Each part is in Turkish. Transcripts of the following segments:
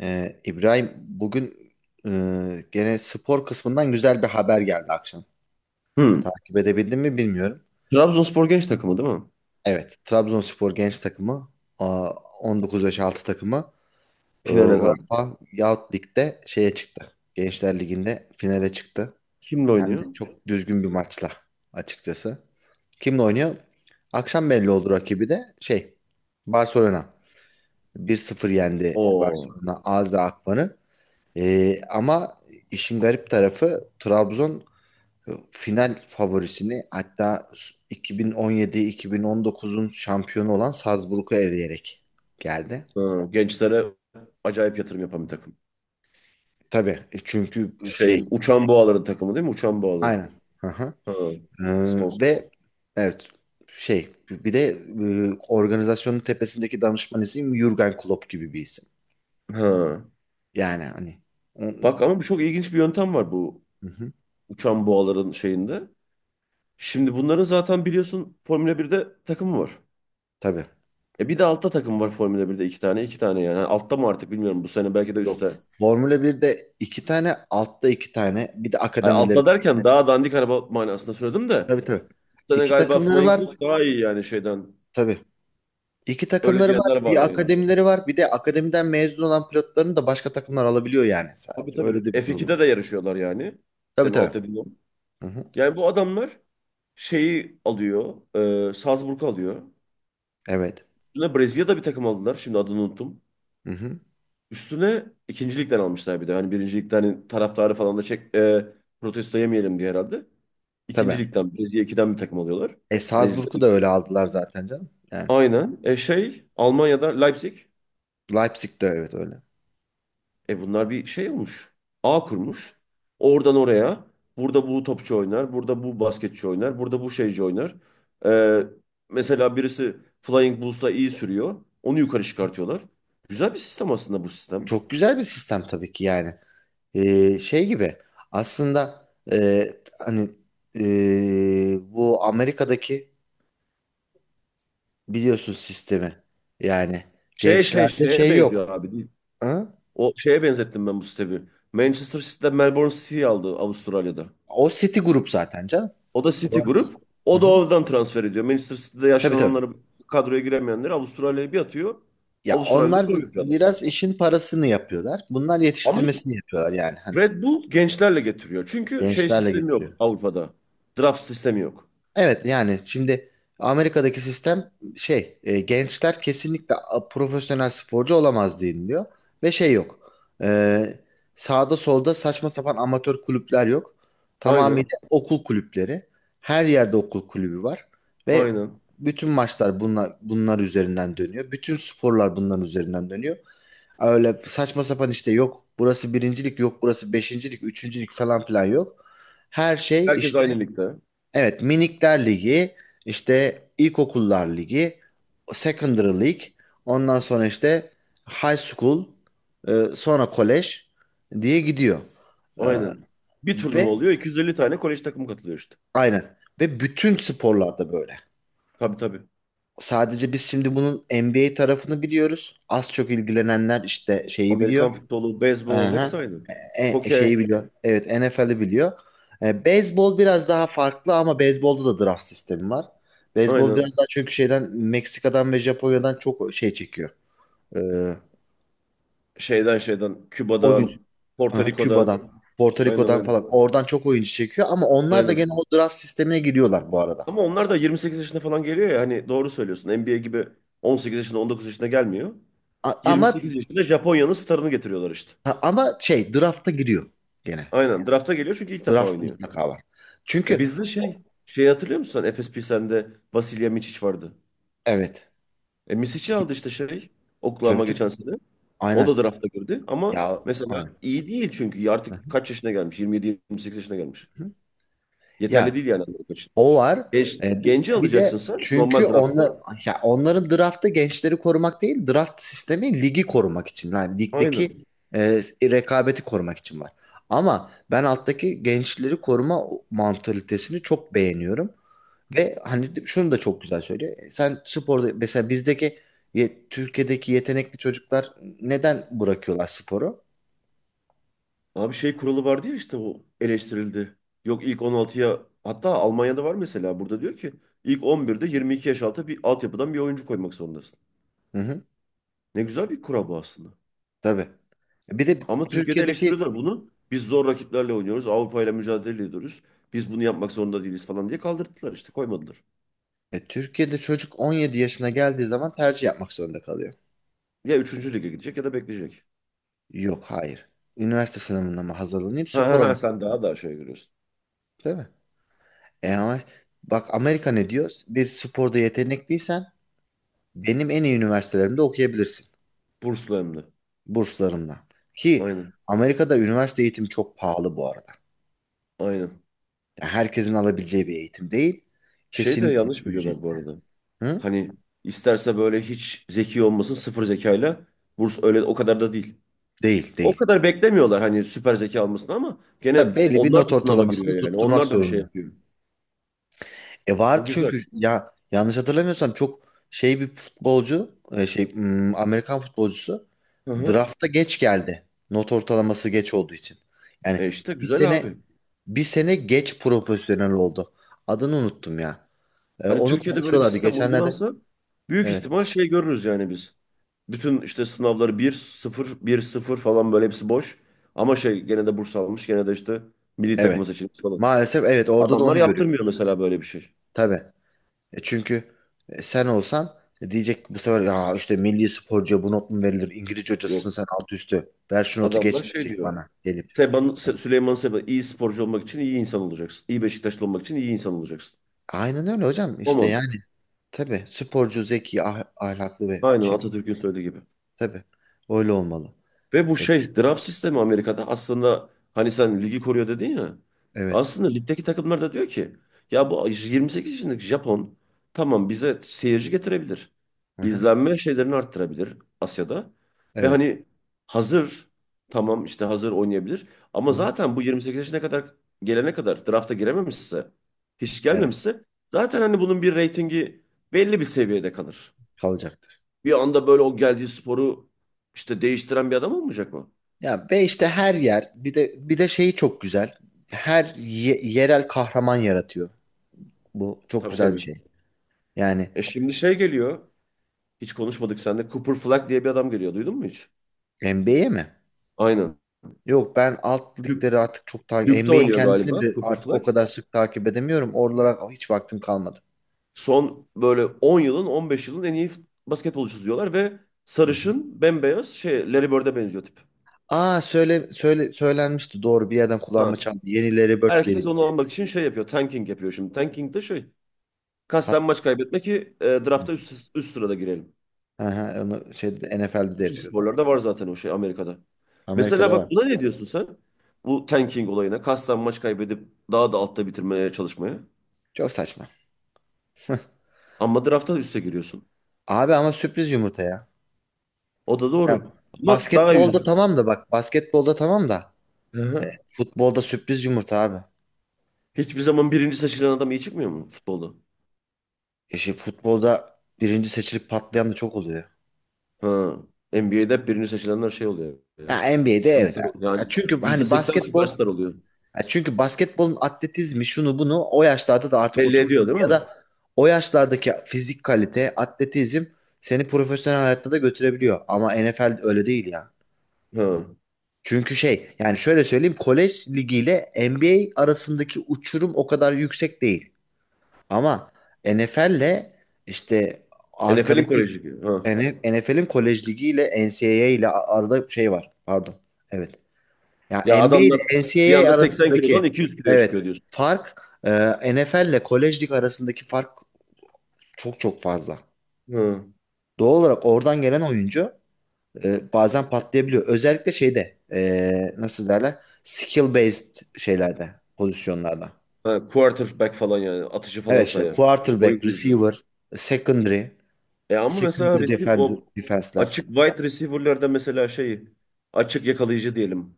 İbrahim bugün gene spor kısmından güzel bir haber geldi akşam. Hı. Takip edebildin mi bilmiyorum. Trabzonspor genç takımı değil mi? Evet, Trabzonspor genç takımı a, 19 yaş altı takımı Finale kaldı. UEFA Youth Lig'de şeye çıktı. Gençler Ligi'nde finale çıktı. Kimle Hem de oynuyor? çok düzgün bir maçla açıkçası. Kimle oynuyor? Akşam belli oldu rakibi de Barcelona. Bir sıfır yendi O Barcelona Azra Akman'ı. Ama işin garip tarafı Trabzon final favorisini, hatta 2017-2019'un şampiyonu olan Salzburg'u eleyerek geldi. gençlere acayip yatırım yapan bir takım. Tabii, çünkü Şeyin Uçan Boğaların takımı değil mi? Uçan Boğaların. aynen. Hı hı. Ha. Sponsor. Ve evet, bir de organizasyonun tepesindeki danışman isim Jürgen Klopp gibi bir isim. Ha. Yani hani o- Bak ama bu çok ilginç bir yöntem var bu hı hı, Uçan Boğaların şeyinde. Şimdi bunların zaten biliyorsun Formula 1'de takımı var. tabii. E bir de altta takım var Formula 1'de iki tane iki tane yani. Yani altta mı artık bilmiyorum bu sene belki de Yok. üstte. Formula 1'de iki tane, altta iki tane, bir de Ay, akademileri. altta derken daha dandik araba manasında söyledim de. Tabii tabii. Bu sene İki galiba takımları Flying var. Cross daha iyi yani şeyden. Tabii. İki Öyle takımları var. diyenler var Bir yani. akademileri var. Bir de akademiden mezun olan pilotlarını da başka takımlar alabiliyor yani Tabii sadece. Öyle tabii. de bir durum F2'de var. de yarışıyorlar yani. Tabii Senin alt tabii. dediğin o. Hı hı. Yani bu adamlar şeyi alıyor. E, Salzburg alıyor. Evet. Üstüne Brezilya'da bir takım aldılar. Şimdi adını unuttum. Hı hı. Üstüne ikinci ligden almışlar bir de. Hani birinci ligden hani taraftarı falan da çek, protesto yemeyelim diye herhalde. İkinci Tabii. ligden Brezilya ikiden bir takım alıyorlar. E, Salzburg'u da Brezilya. öyle aldılar zaten canım. Yani Aynen. E şey Almanya'da Leipzig. Leipzig de evet, öyle. E bunlar bir şey olmuş. Ağ kurmuş. Oradan oraya. Burada bu topçu oynar. Burada bu basketçi oynar. Burada bu şeyci oynar. Ee, mesela birisi Flying Bulls'la iyi sürüyor. Onu yukarı çıkartıyorlar. Güzel bir sistem aslında bu sistem. Çok güzel bir sistem tabii ki yani. Şey gibi aslında, hani, bu Amerika'daki biliyorsun sistemi. Yani Şey şey gençlerde şeye benziyor yok. abi değil. Ha? O şeye benzettim ben bu sistemi. Manchester City'de Melbourne City'yi aldı Avustralya'da. O City Group zaten canım. O da City Orası. grup. Hı O da hı. oradan transfer ediyor. Manchester City'de Tabii tabii. yaşlananları kadroya giremeyenleri Avustralya'ya bir atıyor. Ya Avustralya'da onlar çok yapıyor adam. biraz işin parasını yapıyorlar. Bunlar Ama yetiştirmesini yapıyorlar, yani hani Red Bull gençlerle getiriyor. Çünkü şey gençlerle sistemi getiriyor. yok Avrupa'da. Draft sistemi yok. Evet, yani şimdi Amerika'daki sistem, gençler kesinlikle profesyonel sporcu olamaz deniliyor ve yok. E, Sağda solda saçma sapan amatör kulüpler yok. Aynen. Tamamıyla okul kulüpleri. Her yerde okul kulübü var ve Aynen. bütün maçlar bunlar üzerinden dönüyor. Bütün sporlar bunların üzerinden dönüyor. Öyle saçma sapan, işte yok burası birincilik, yok burası beşincilik, üçüncülük falan filan yok. Her şey Herkes işte. aynı ligde. Evet, Minikler Ligi, işte İlkokullar Ligi, Secondary League, ondan sonra işte High School, sonra College diye gidiyor. E, Aynen. Bir turnuva Ve oluyor. 250 tane kolej takımı katılıyor işte. aynen, ve bütün sporlarda böyle. Tabii tabii. Sadece biz şimdi bunun NBA tarafını biliyoruz. Az çok ilgilenenler işte biliyor. Amerikan futbolu, beyzbol Aha. hepsi aynı. E, e, şeyi Hokey. Biliyor. Evet, NFL'i biliyor. Beyzbol biraz daha farklı ama beyzbolda da draft sistemi var. Beyzbol biraz Aynen. daha çünkü Meksika'dan ve Japonya'dan çok çekiyor. E, Şeyden. Oyuncu. Küba'dan. Porto Aha, Rico'dan. Küba'dan, Porto Aynen Rico'dan aynen. falan. Oradan çok oyuncu çekiyor ama onlar da Aynen. gene o draft sistemine giriyorlar bu arada. Ama onlar da 28 yaşında falan geliyor ya. Hani doğru söylüyorsun. NBA gibi 18 yaşında 19 yaşında gelmiyor. A- ama 28 yaşında Japonya'nın starını getiriyorlar işte. ha, ama drafta giriyor gene. Aynen drafta geliyor çünkü ilk defa Draft oynuyor. mutlaka var. E Çünkü bizde şey hatırlıyor musun sen Efes Pilsen'de Vasilya Micic vardı. evet. E Misic'i aldı işte şey Tabii Oklahoma tabii. geçen sene. O da Aynen. drafta girdi ama Ya mesela aynen. iyi değil çünkü Hı artık kaç yaşına gelmiş? 27-28 yaşına gelmiş. hı. Ya, Yeterli değil yani Amerika için. O var. Genç, genci Bir alacaksın de sen çünkü normal onlar, draftla. ya onların draftı gençleri korumak değil, draft sistemi ligi korumak için. Yani Aynen. ligdeki e, rekabeti korumak için var. Ama ben alttaki gençleri koruma mantalitesini çok beğeniyorum. Ve hani şunu da çok güzel söylüyor. Sen sporda mesela bizdeki Türkiye'deki yetenekli çocuklar neden bırakıyorlar sporu? Abi şey kuralı vardı ya işte o eleştirildi. Yok ilk 16'ya hatta Almanya'da var mesela burada diyor ki ilk 11'de 22 yaş altı bir altyapıdan bir oyuncu koymak zorundasın. Hı hı, Ne güzel bir kura bu aslında. tabii. Bir de Ama Türkiye'de Türkiye'deki eleştiriyorlar bunu. Biz zor rakiplerle oynuyoruz. Avrupa ile mücadele ediyoruz. Biz bunu yapmak zorunda değiliz falan diye kaldırdılar işte koymadılar. Türkiye'de çocuk 17 yaşına geldiği zaman tercih yapmak zorunda kalıyor. Ya üçüncü lige gidecek ya da bekleyecek. Yok, hayır. Üniversite sınavına mı hazırlanayım, Ha, ha, spora ha, mı? sen daha daha şey görüyorsun. Değil mi? Ama bak Amerika ne diyor? Bir sporda yetenekliysen benim en iyi üniversitelerimde okuyabilirsin. Burslu hem de. Burslarımla. Ki Aynen. Amerika'da üniversite eğitimi çok pahalı bu arada. Aynen. Yani herkesin alabileceği bir eğitim değil. Şey de Kesinlikle yanlış biliyorlar bu ücretli. arada. Hı? Hani isterse böyle hiç zeki olmasın sıfır zekayla burs öyle o kadar da değil. Değil, O değil. kadar beklemiyorlar hani süper zeka almasını ama gene Tabii belli bir onlar not da sınava ortalamasını giriyor yani. tutturmak Onlar da bir şey zorunda. yapıyor. E, vardı O çünkü, güzel. ya yanlış hatırlamıyorsam çok bir futbolcu, Amerikan futbolcusu Hı hı. drafta geç geldi. Not ortalaması geç olduğu için. Yani E işte bir güzel sene abi. bir sene geç profesyonel oldu. Adını unuttum ya. Hani Onu Türkiye'de böyle bir konuşuyorlardı sistem geçenlerde. uygulansa büyük Evet. ihtimal şey görürüz yani biz. Bütün işte sınavları 1-0 1-0 falan böyle hepsi boş. Ama şey gene de burs almış gene de işte milli takıma Evet. seçilmiş falan. Maalesef evet, orada da Adamlar onu görüyor. yaptırmıyor mesela böyle bir şey. Tabii. Çünkü sen olsan, diyecek bu sefer, ya işte milli sporcuya bu not mu verilir? İngilizce hocasısın Yok. sen alt üstü. Ver şu notu Adamlar geç şey diyecek diyor. bana gelip. Süleyman Seba iyi sporcu olmak için iyi insan olacaksın. İyi Beşiktaşlı olmak için iyi insan olacaksın. Aynen öyle hocam. O İşte yani mantık. tabii sporcu, zeki, ahlaklı ve Aynen Atatürk'ün söylediği gibi. tabii öyle olmalı. Ve bu Evet şey draft sistemi Amerika'da aslında hani sen ligi koruyor dedin ya. evet. Aslında ligdeki takımlar da diyor ki ya bu 28 yaşındaki Japon tamam bize seyirci getirebilir. Aha, İzlenme şeylerini arttırabilir Asya'da. Ve evet. hani hazır tamam işte hazır oynayabilir. Ama Hı-hı. zaten bu 28 yaşına kadar gelene kadar drafta girememişse hiç Evet. gelmemişse zaten hani bunun bir reytingi belli bir seviyede kalır. Kalacaktır. Bir anda böyle o geldiği sporu işte değiştiren bir adam olmayacak mı? Ya, ve işte her yer, bir de şeyi çok güzel. Yerel kahraman yaratıyor. Bu çok Tabii güzel bir tabii. şey. Yani E şimdi şey geliyor. Hiç konuşmadık seninle. Cooper Flag diye bir adam geliyor. Duydun mu hiç? NBA'ye mi? Aynen. Yok, ben alt Duke, ligleri artık çok takip Duke'da NBA'in oynuyor kendisini galiba bile Cooper artık o Flag. kadar sık takip edemiyorum. Oralara hiç vaktim kalmadı. Son böyle 10 yılın 15 yılın en iyi basketbolcusu diyorlar ve sarışın bembeyaz şey Larry Bird'e benziyor tip. Aa, söylenmişti, doğru, bir yerden kulağıma Ha. çaldı. Yeni Larry Bird Herkes geliyor onu diye. almak için şey yapıyor. Tanking yapıyor şimdi. Tanking de şey. Pat. Kasten maç kaybetme ki drafta üst sırada girelim. Aha, onu şeyde de, NFL'de de Bütün yapıyorlar. sporlarda var zaten o şey Amerika'da. Mesela Amerika'da bak var. buna ne diyorsun sen? Bu tanking olayına. Kasten maç kaybedip daha da altta bitirmeye çalışmaya. Çok saçma. Ama draftta üste giriyorsun. Abi ama sürpriz yumurta ya. O da Ya, doğru. Ama daha iyi. Basketbolda tamam da Hı hı. futbolda sürpriz yumurta abi. Hiçbir zaman birinci seçilen adam iyi çıkmıyor mu futbolda? Futbolda birinci seçilip patlayan da çok oluyor. Ha. NBA'de hep birinci seçilenler şey oluyor ya. Ha, NBA'de evet. Süperstar oluyor. Ya Yani çünkü yüzde hani seksen basketbol süperstar oluyor. Ya çünkü basketbolun atletizmi şunu bunu o yaşlarda da artık Belli oturmuş ediyor oluyor. değil mi? Ya da o yaşlardaki fizik kalite, atletizm seni profesyonel hayatta da götürebiliyor. Ama NFL öyle değil ya. Ha. Çünkü yani şöyle söyleyeyim, kolej ligiyle NBA arasındaki uçurum o kadar yüksek değil. Ama NFL'le işte NFL'in arkadaki koleji gibi. Ha. NFL'in kolej ligiyle NCAA ile arada var. Pardon. Evet. Ya Ya NBA ile adamlar bir NCAA anda 80 kilodan arasındaki 200 kiloya çıkıyor evet diyorsun. fark, NFL ile Kolej Lig arasındaki fark çok fazla. Ha. Doğal olarak oradan gelen oyuncu bazen patlayabiliyor. Özellikle nasıl derler? Skill based şeylerde, pozisyonlarda. Ha, quarterback falan yani. Atıcı falan Evet işte sayar. Oyun quarterback, kurucu. receiver, secondary, E ama mesela secondary defend, o defense'ler. açık wide receiver'larda mesela şey açık yakalayıcı diyelim.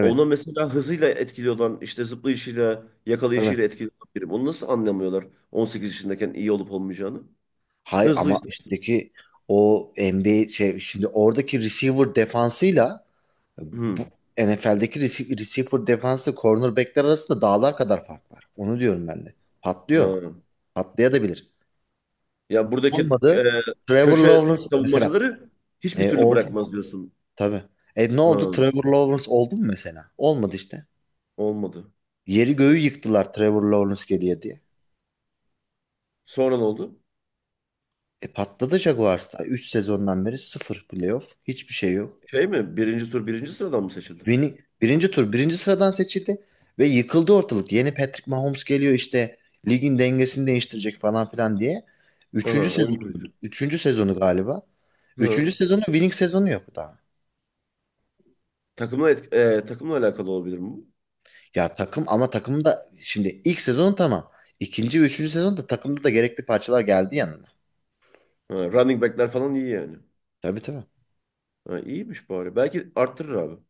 Ona mesela hızıyla etkili olan işte zıplayışıyla Tabii. yakalayışıyla etkili olan biri. Onu nasıl anlamıyorlar 18 yaşındayken iyi olup olmayacağını? Hay, ama Hızlıysa. üstteki o NBA şey şimdi oradaki receiver defansıyla, Bu Hı. NFL'deki receiver defansı cornerbackler arasında dağlar kadar fark var. Onu diyorum ben de. Patlıyor. Ha. Patlayabilir. Ya buradaki e, Olmadı. Trevor köşe Lawrence mesela. savunmacıları hiçbir E, türlü oldu. bırakmaz diyorsun. Tabii. E, ne oldu? Ha. Trevor Lawrence oldu mu mesela? Olmadı işte. Olmadı. Yeri göğü yıktılar Trevor Lawrence geliyor diye. Sonra ne oldu? E, patladı Jaguars'ta. 3 sezondan beri sıfır playoff. Hiçbir şey yok. Şey mi? Birinci tur birinci sıradan mı seçildi? Beni, birinci tur birinci sıradan seçildi ve yıkıldı ortalık. Yeni Patrick Mahomes geliyor işte, ligin dengesini değiştirecek falan filan diye. Üçüncü Aha, oyun sezonu, kurucu. üçüncü sezonu galiba. Üçüncü Ha. sezonu, winning sezonu yok daha. Takımla alakalı olabilir mi bu? Ya takım, ama takım da şimdi ilk sezon tamam. İkinci ve üçüncü sezonda takımda da gerekli parçalar geldi yanına. Ha, running back'ler falan iyi yani. Tabii tabii. Ha, iyiymiş bari. Belki arttırır abi.